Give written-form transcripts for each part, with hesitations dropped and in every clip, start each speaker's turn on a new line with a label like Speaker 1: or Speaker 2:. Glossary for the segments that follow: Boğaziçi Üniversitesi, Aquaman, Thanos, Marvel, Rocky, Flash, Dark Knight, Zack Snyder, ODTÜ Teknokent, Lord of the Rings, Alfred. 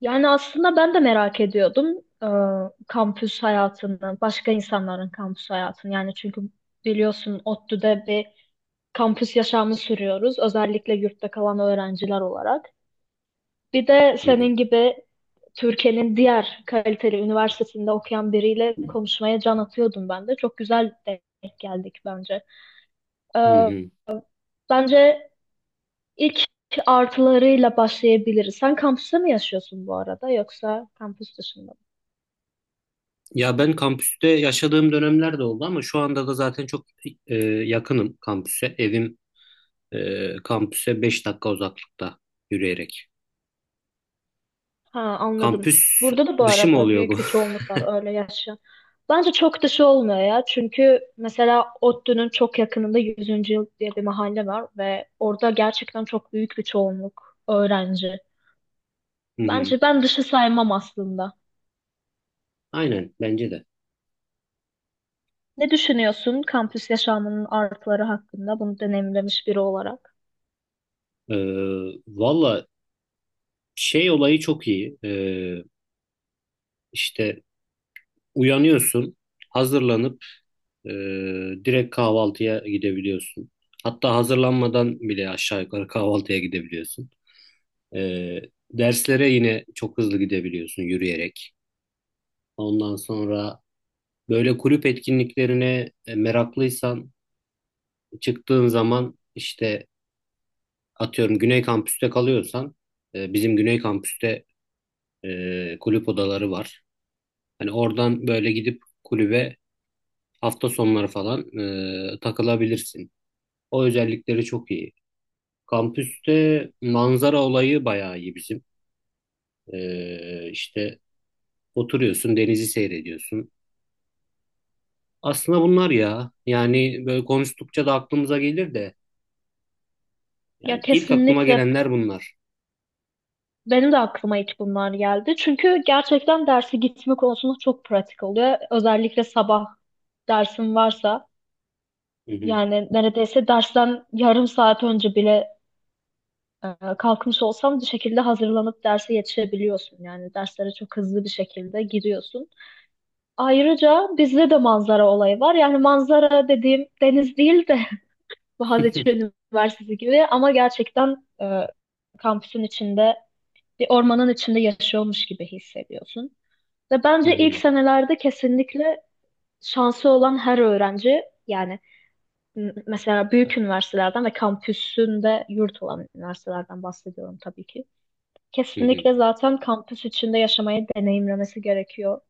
Speaker 1: Yani aslında ben de merak ediyordum e, kampüs hayatını, başka insanların kampüs hayatını. Yani çünkü biliyorsun ODTÜ'de bir kampüs yaşamı sürüyoruz. Özellikle yurtta kalan öğrenciler olarak. Bir de
Speaker 2: Hı hı,
Speaker 1: senin gibi Türkiye'nin diğer kaliteli üniversitesinde okuyan biriyle konuşmaya can atıyordum ben de. Çok güzel denk geldik bence.
Speaker 2: hı
Speaker 1: Ee,
Speaker 2: hı.
Speaker 1: bence ilk artılarıyla başlayabiliriz. Sen kampüste mi yaşıyorsun bu arada yoksa kampüs dışında mı?
Speaker 2: Ya ben kampüste yaşadığım dönemler de oldu ama şu anda da zaten çok yakınım kampüse. Evim kampüse 5 dakika uzaklıkta yürüyerek.
Speaker 1: Ha, anladım.
Speaker 2: Kampüs
Speaker 1: Burada da bu
Speaker 2: dışı mı
Speaker 1: arada
Speaker 2: oluyor bu?
Speaker 1: büyük bir çoğunluk var öyle yaşayan. Bence çok dışı olmuyor ya. Çünkü mesela ODTÜ'nün çok yakınında Yüzüncü Yıl diye bir mahalle var ve orada gerçekten çok büyük bir çoğunluk öğrenci.
Speaker 2: Hı hı.
Speaker 1: Bence ben dışı saymam aslında.
Speaker 2: Aynen bence de.
Speaker 1: Ne düşünüyorsun kampüs yaşamının artıları hakkında bunu deneyimlemiş biri olarak?
Speaker 2: E, Valla şey olayı çok iyi. İşte uyanıyorsun, hazırlanıp e, direkt kahvaltıya gidebiliyorsun. Hatta hazırlanmadan bile aşağı yukarı kahvaltıya gidebiliyorsun. Ee, Derslere yine çok hızlı gidebiliyorsun yürüyerek. Ondan sonra böyle kulüp etkinliklerine meraklıysan çıktığın zaman işte atıyorum Güney Kampüs'te kalıyorsan bizim Güney Kampüs'te kulüp odaları var. Hani oradan böyle gidip kulübe hafta sonları falan takılabilirsin. O özellikleri çok iyi. Kampüste manzara olayı bayağı iyi bizim. İşte oturuyorsun, denizi seyrediyorsun. Aslında bunlar ya. Yani böyle konuştukça da aklımıza gelir de.
Speaker 1: Ya
Speaker 2: Yani ilk aklıma
Speaker 1: kesinlikle,
Speaker 2: gelenler bunlar.
Speaker 1: benim de aklıma ilk bunlar geldi. Çünkü gerçekten derse gitme konusunda çok pratik oluyor. Özellikle sabah dersin varsa.
Speaker 2: Hı hı.
Speaker 1: Yani neredeyse dersten yarım saat önce bile e, kalkmış olsam bir şekilde hazırlanıp derse yetişebiliyorsun. Yani derslere çok hızlı bir şekilde giriyorsun. Ayrıca bizde de manzara olayı var. Yani manzara dediğim deniz değil de Boğaziçi Üniversitesi gibi ama gerçekten kampüsün içinde bir ormanın içinde yaşıyormuş gibi hissediyorsun. Ve
Speaker 2: Hı
Speaker 1: bence ilk
Speaker 2: hı.
Speaker 1: senelerde kesinlikle şansı olan her öğrenci, yani mesela büyük üniversitelerden ve kampüsünde yurt olan üniversitelerden bahsediyorum tabii ki.
Speaker 2: Hı hı.
Speaker 1: Kesinlikle zaten kampüs içinde yaşamayı deneyimlemesi gerekiyor.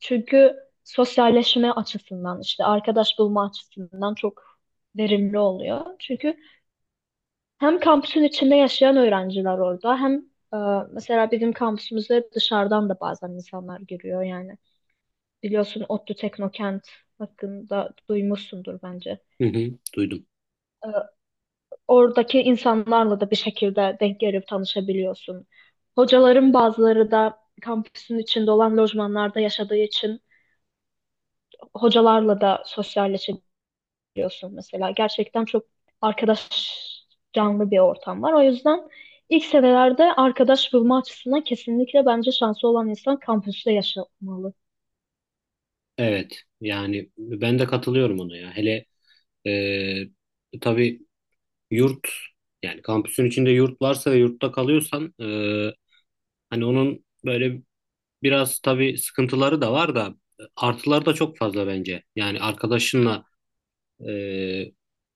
Speaker 1: Çünkü sosyalleşme açısından, işte arkadaş bulma açısından çok verimli oluyor. Çünkü hem kampüsün içinde yaşayan öğrenciler orada, hem mesela bizim kampüsümüze dışarıdan da bazen insanlar giriyor yani. Biliyorsun ODTÜ Teknokent hakkında duymuşsundur bence.
Speaker 2: Hı hı. Duydum.
Speaker 1: E, oradaki insanlarla da bir şekilde denk gelip tanışabiliyorsun. Hocaların bazıları da kampüsün içinde olan lojmanlarda yaşadığı için hocalarla da sosyalleşebiliyorsun mesela. Gerçekten çok arkadaş canlı bir ortam var. O yüzden ilk senelerde arkadaş bulma açısından kesinlikle bence şansı olan insan kampüste yaşamalı.
Speaker 2: Evet. Yani ben de katılıyorum ona ya. Hele tabii yurt yani kampüsün içinde yurt varsa ve yurtta kalıyorsan hani onun böyle biraz tabii sıkıntıları da var da artıları da çok fazla bence. Yani arkadaşınla e,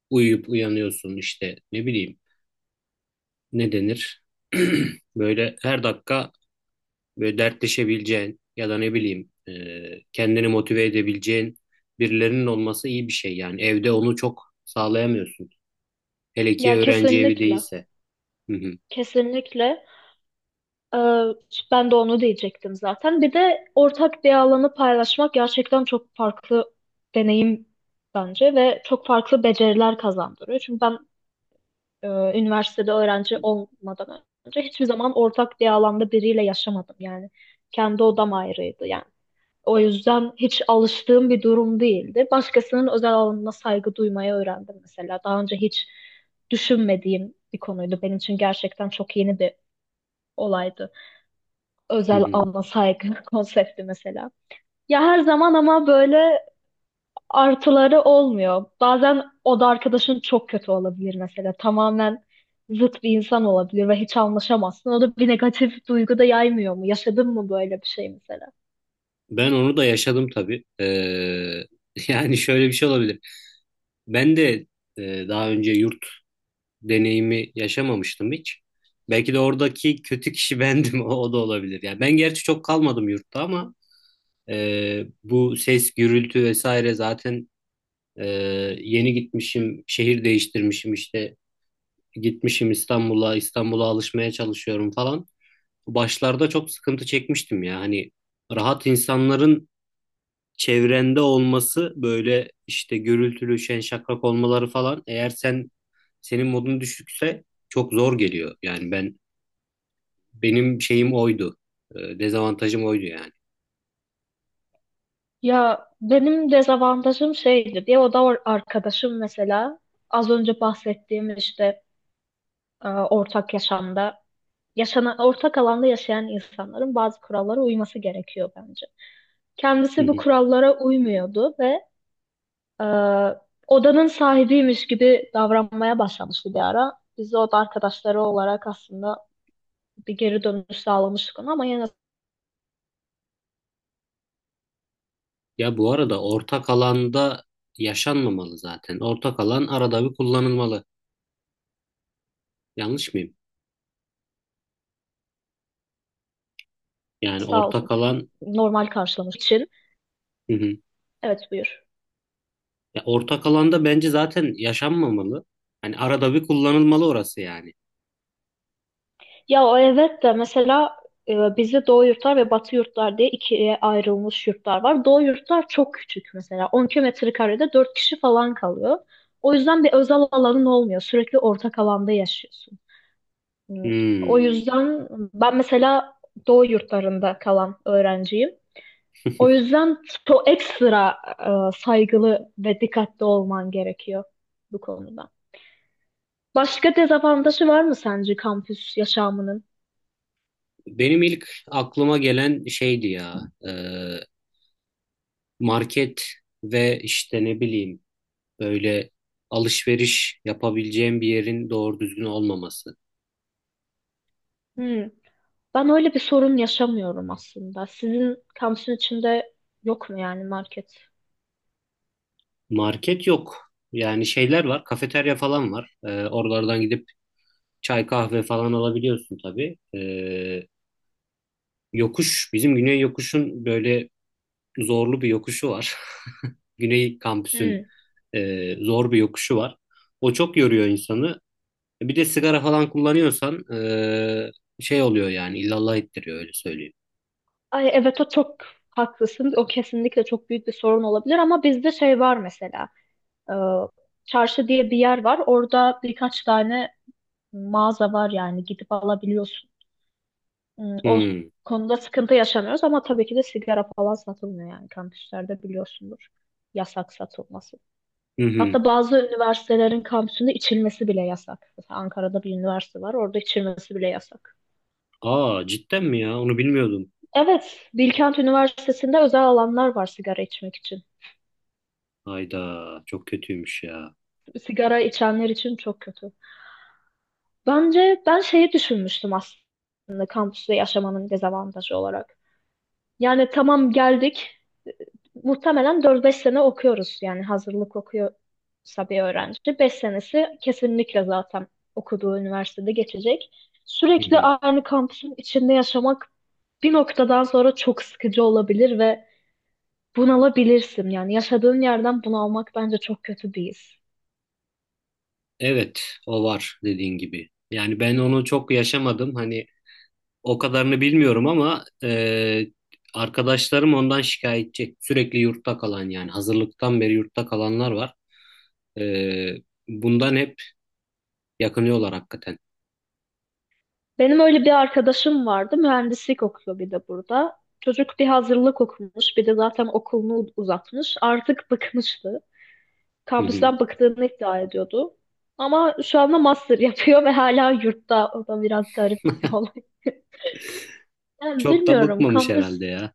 Speaker 2: uyuyup uyanıyorsun işte ne bileyim ne denir? Böyle her dakika böyle dertleşebileceğin ya da ne bileyim kendini motive edebileceğin birilerinin olması iyi bir şey yani. Evde onu çok sağlayamıyorsun. Hele ki
Speaker 1: Ya
Speaker 2: öğrenci evi
Speaker 1: kesinlikle,
Speaker 2: değilse. Hı hı,
Speaker 1: kesinlikle. Ee, ben de onu diyecektim zaten. Bir de ortak bir alanı paylaşmak gerçekten çok farklı deneyim bence ve çok farklı beceriler kazandırıyor. Çünkü ben e, üniversitede öğrenci olmadan önce hiçbir zaman ortak bir alanda biriyle yaşamadım. Yani kendi odam ayrıydı yani. O yüzden hiç alıştığım bir durum değildi. Başkasının özel alanına saygı duymayı öğrendim mesela. Daha önce hiç düşünmediğim bir konuydu. Benim için gerçekten çok yeni bir olaydı,
Speaker 2: hı
Speaker 1: özel
Speaker 2: hı.
Speaker 1: alma saygı konsepti mesela. Ya her zaman ama böyle artıları olmuyor. Bazen o da arkadaşın çok kötü olabilir mesela. Tamamen zıt bir insan olabilir ve hiç anlaşamazsın. O da bir negatif duygu da yaymıyor mu? Yaşadın mı böyle bir şey mesela?
Speaker 2: Ben onu da yaşadım tabii. Yani şöyle bir şey olabilir. Ben de daha önce yurt deneyimi yaşamamıştım hiç. Belki de oradaki kötü kişi bendim. O da olabilir. Yani ben gerçi çok kalmadım yurtta ama bu ses, gürültü vesaire zaten e, yeni gitmişim, şehir değiştirmişim işte gitmişim İstanbul'a, İstanbul'a alışmaya çalışıyorum falan. Başlarda çok sıkıntı çekmiştim ya hani rahat insanların çevrende olması böyle işte gürültülü, şen şakrak olmaları falan eğer senin modun düşükse çok zor geliyor. Yani benim şeyim oydu. Dezavantajım oydu yani.
Speaker 1: Ya benim dezavantajım şeydi diye, o da arkadaşım mesela az önce bahsettiğim, işte ortak yaşamda yaşanan ortak alanda yaşayan insanların bazı kurallara uyması gerekiyor bence.
Speaker 2: Hı
Speaker 1: Kendisi bu
Speaker 2: hı.
Speaker 1: kurallara uymuyordu ve e, odanın sahibiymiş gibi davranmaya başlamıştı bir ara. Biz de oda arkadaşları olarak aslında bir geri dönüş sağlamıştık ona ama yine de
Speaker 2: Ya bu arada ortak alanda yaşanmamalı zaten. Ortak alan arada bir kullanılmalı. Yanlış mıyım? Yani
Speaker 1: sağ olsun
Speaker 2: ortak alan
Speaker 1: normal karşılamış için.
Speaker 2: hı hı.
Speaker 1: Evet, buyur.
Speaker 2: Ya ortak alanda bence zaten yaşanmamalı. Hani arada bir kullanılmalı orası yani.
Speaker 1: Ya o evet de, mesela bizde Doğu yurtlar ve Batı yurtlar diye ikiye ayrılmış yurtlar var. Doğu yurtlar çok küçük mesela. 10 kilometre karede 4 kişi falan kalıyor. O yüzden bir özel alanın olmuyor. Sürekli ortak alanda yaşıyorsun. Hmm. O
Speaker 2: Hmm.
Speaker 1: yüzden ben mesela Doğu yurtlarında kalan öğrenciyim. O yüzden çok ekstra saygılı ve dikkatli olman gerekiyor bu konuda. Başka dezavantajı var mı sence kampüs yaşamının?
Speaker 2: Benim ilk aklıma gelen şeydi ya e, market ve işte ne bileyim böyle alışveriş yapabileceğim bir yerin doğru düzgün olmaması.
Speaker 1: Hmm. Ben öyle bir sorun yaşamıyorum aslında. Sizin kampüsün içinde yok mu yani market?
Speaker 2: Market yok. Yani şeyler var, kafeterya falan var. E, oralardan gidip çay kahve falan alabiliyorsun tabii. Yokuş bizim Güney Yokuş'un böyle zorlu bir yokuşu var. Güney kampüsün
Speaker 1: Hmm.
Speaker 2: zor bir yokuşu var. O çok yoruyor insanı. Bir de sigara falan kullanıyorsan şey oluyor yani illallah ettiriyor öyle söyleyeyim.
Speaker 1: Ay evet, o çok haklısın. O kesinlikle çok büyük bir sorun olabilir ama bizde şey var mesela. Ee, çarşı diye bir yer var. Orada birkaç tane mağaza var, yani gidip alabiliyorsun. Hmm, o
Speaker 2: Hmm.
Speaker 1: konuda sıkıntı yaşamıyoruz ama tabii ki de sigara falan satılmıyor yani kampüslerde, biliyorsundur. Yasak satılması.
Speaker 2: Hı hı.
Speaker 1: Hatta bazı üniversitelerin kampüsünde içilmesi bile yasak. Mesela Ankara'da bir üniversite var, orada içilmesi bile yasak.
Speaker 2: Aa cidden mi ya? Onu bilmiyordum.
Speaker 1: Evet, Bilkent Üniversitesi'nde özel alanlar var sigara içmek için.
Speaker 2: Hayda çok kötüymüş ya.
Speaker 1: Sigara içenler için çok kötü. Bence ben şeyi düşünmüştüm aslında kampüste yaşamanın dezavantajı olarak. Yani tamam, geldik. Muhtemelen 4-5 sene okuyoruz. Yani hazırlık okuyorsa bir öğrenci. 5 senesi kesinlikle zaten okuduğu üniversitede geçecek.
Speaker 2: Hı
Speaker 1: Sürekli
Speaker 2: hı.
Speaker 1: aynı kampüsün içinde yaşamak bir noktadan sonra çok sıkıcı olabilir ve bunalabilirsin. Yani yaşadığın yerden bunalmak bence çok kötü bir his.
Speaker 2: Evet o var dediğin gibi. Yani ben onu çok yaşamadım. Hani o kadarını bilmiyorum ama arkadaşlarım ondan şikayetçi. Sürekli yurtta kalan yani hazırlıktan beri yurtta kalanlar var. E, Bundan hep yakınıyorlar hakikaten.
Speaker 1: Benim öyle bir arkadaşım vardı. Mühendislik okuyor bir de burada. Çocuk bir hazırlık okumuş, bir de zaten okulunu uzatmış. Artık bıkmıştı.
Speaker 2: Hı hı.
Speaker 1: Kampüsten bıktığını iddia ediyordu. Ama şu anda master yapıyor ve hala yurtta. O da biraz garip bir olay. Yani
Speaker 2: Çok da
Speaker 1: bilmiyorum,
Speaker 2: bıkmamış
Speaker 1: kampüs
Speaker 2: herhalde ya.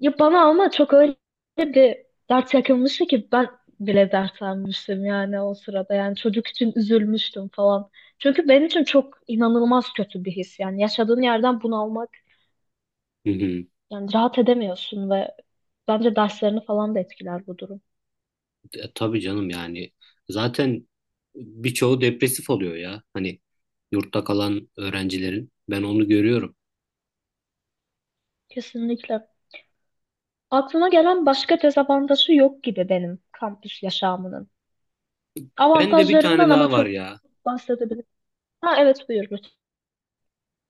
Speaker 1: ya bana ama çok öyle bir dert yakınmıştı ki ben bile dertlenmiştim yani o sırada. Yani çocuk için üzülmüştüm falan. Çünkü benim için çok inanılmaz kötü bir his. Yani yaşadığın yerden bunalmak,
Speaker 2: Hı hı.
Speaker 1: yani rahat edemiyorsun ve bence derslerini falan da etkiler bu durum.
Speaker 2: Tabii canım yani zaten birçoğu depresif oluyor ya. Hani yurtta kalan öğrencilerin ben onu görüyorum.
Speaker 1: Kesinlikle. Aklıma gelen başka dezavantajı yok gibi benim kampüs yaşamının.
Speaker 2: Ben de bir tane
Speaker 1: Avantajlarından ama
Speaker 2: daha var
Speaker 1: çok
Speaker 2: ya.
Speaker 1: bahsedebilirim. Ha evet, buyur lütfen.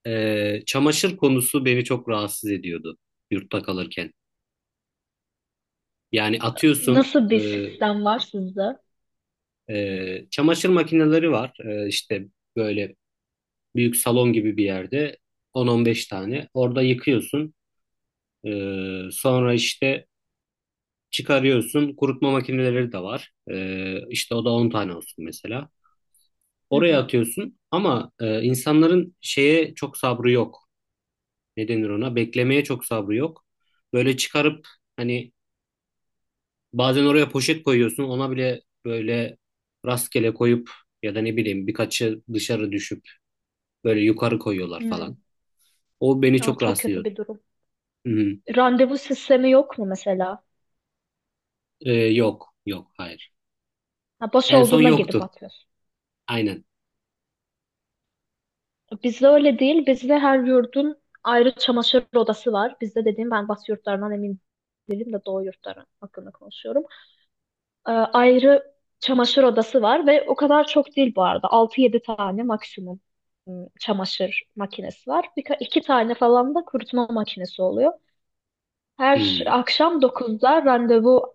Speaker 2: Çamaşır konusu beni çok rahatsız ediyordu yurtta kalırken. Yani atıyorsun
Speaker 1: Nasıl bir sistem var sizde? Hı
Speaker 2: Çamaşır makineleri var. İşte böyle büyük salon gibi bir yerde 10-15 tane. Orada yıkıyorsun. Sonra işte çıkarıyorsun. Kurutma makineleri de var. İşte o da 10 tane olsun mesela. Oraya
Speaker 1: hı.
Speaker 2: atıyorsun ama insanların şeye çok sabrı yok. Ne denir ona? Beklemeye çok sabrı yok. Böyle çıkarıp hani bazen oraya poşet koyuyorsun. Ona bile böyle rastgele koyup ya da ne bileyim birkaçı dışarı düşüp böyle yukarı koyuyorlar
Speaker 1: Hmm.
Speaker 2: falan. O beni
Speaker 1: Aa,
Speaker 2: çok
Speaker 1: çok
Speaker 2: rahatsız
Speaker 1: kötü
Speaker 2: ediyordu.
Speaker 1: bir durum.
Speaker 2: Hı hı.
Speaker 1: Randevu sistemi yok mu mesela?
Speaker 2: Yok. Yok. Hayır.
Speaker 1: Ha, boş
Speaker 2: En son
Speaker 1: olduğunda
Speaker 2: yoktu.
Speaker 1: gidip atıyorsun.
Speaker 2: Aynen.
Speaker 1: Bizde öyle değil. Bizde her yurdun ayrı çamaşır odası var. Bizde dediğim, ben Batı yurtlarından emin değilim de Doğu yurtları hakkında konuşuyorum. Ayrı çamaşır odası var ve o kadar çok değil bu arada. Altı yedi tane maksimum çamaşır makinesi var. Birka iki tane falan da kurutma makinesi oluyor. Her
Speaker 2: Hmm,
Speaker 1: akşam 9'da randevu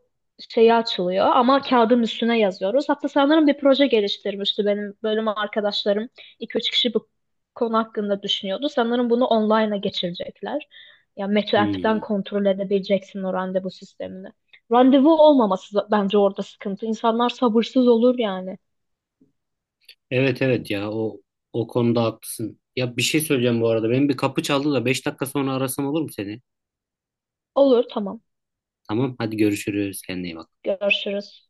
Speaker 1: şeyi açılıyor ama kağıdın üstüne yazıyoruz. Hatta sanırım bir proje geliştirmişti benim bölüm arkadaşlarım. İki üç kişi bu konu hakkında düşünüyordu. Sanırım bunu online'a geçirecekler. Ya Meto app'ten
Speaker 2: hmm.
Speaker 1: kontrol edebileceksin o randevu sistemini. Randevu olmaması bence orada sıkıntı. İnsanlar sabırsız olur yani.
Speaker 2: Evet evet ya o konuda haklısın. Ya bir şey söyleyeceğim bu arada. Benim bir kapı çaldı da 5 dakika sonra arasam olur mu seni?
Speaker 1: Olur, tamam,
Speaker 2: Tamam hadi görüşürüz. Kendine iyi bak.
Speaker 1: görüşürüz.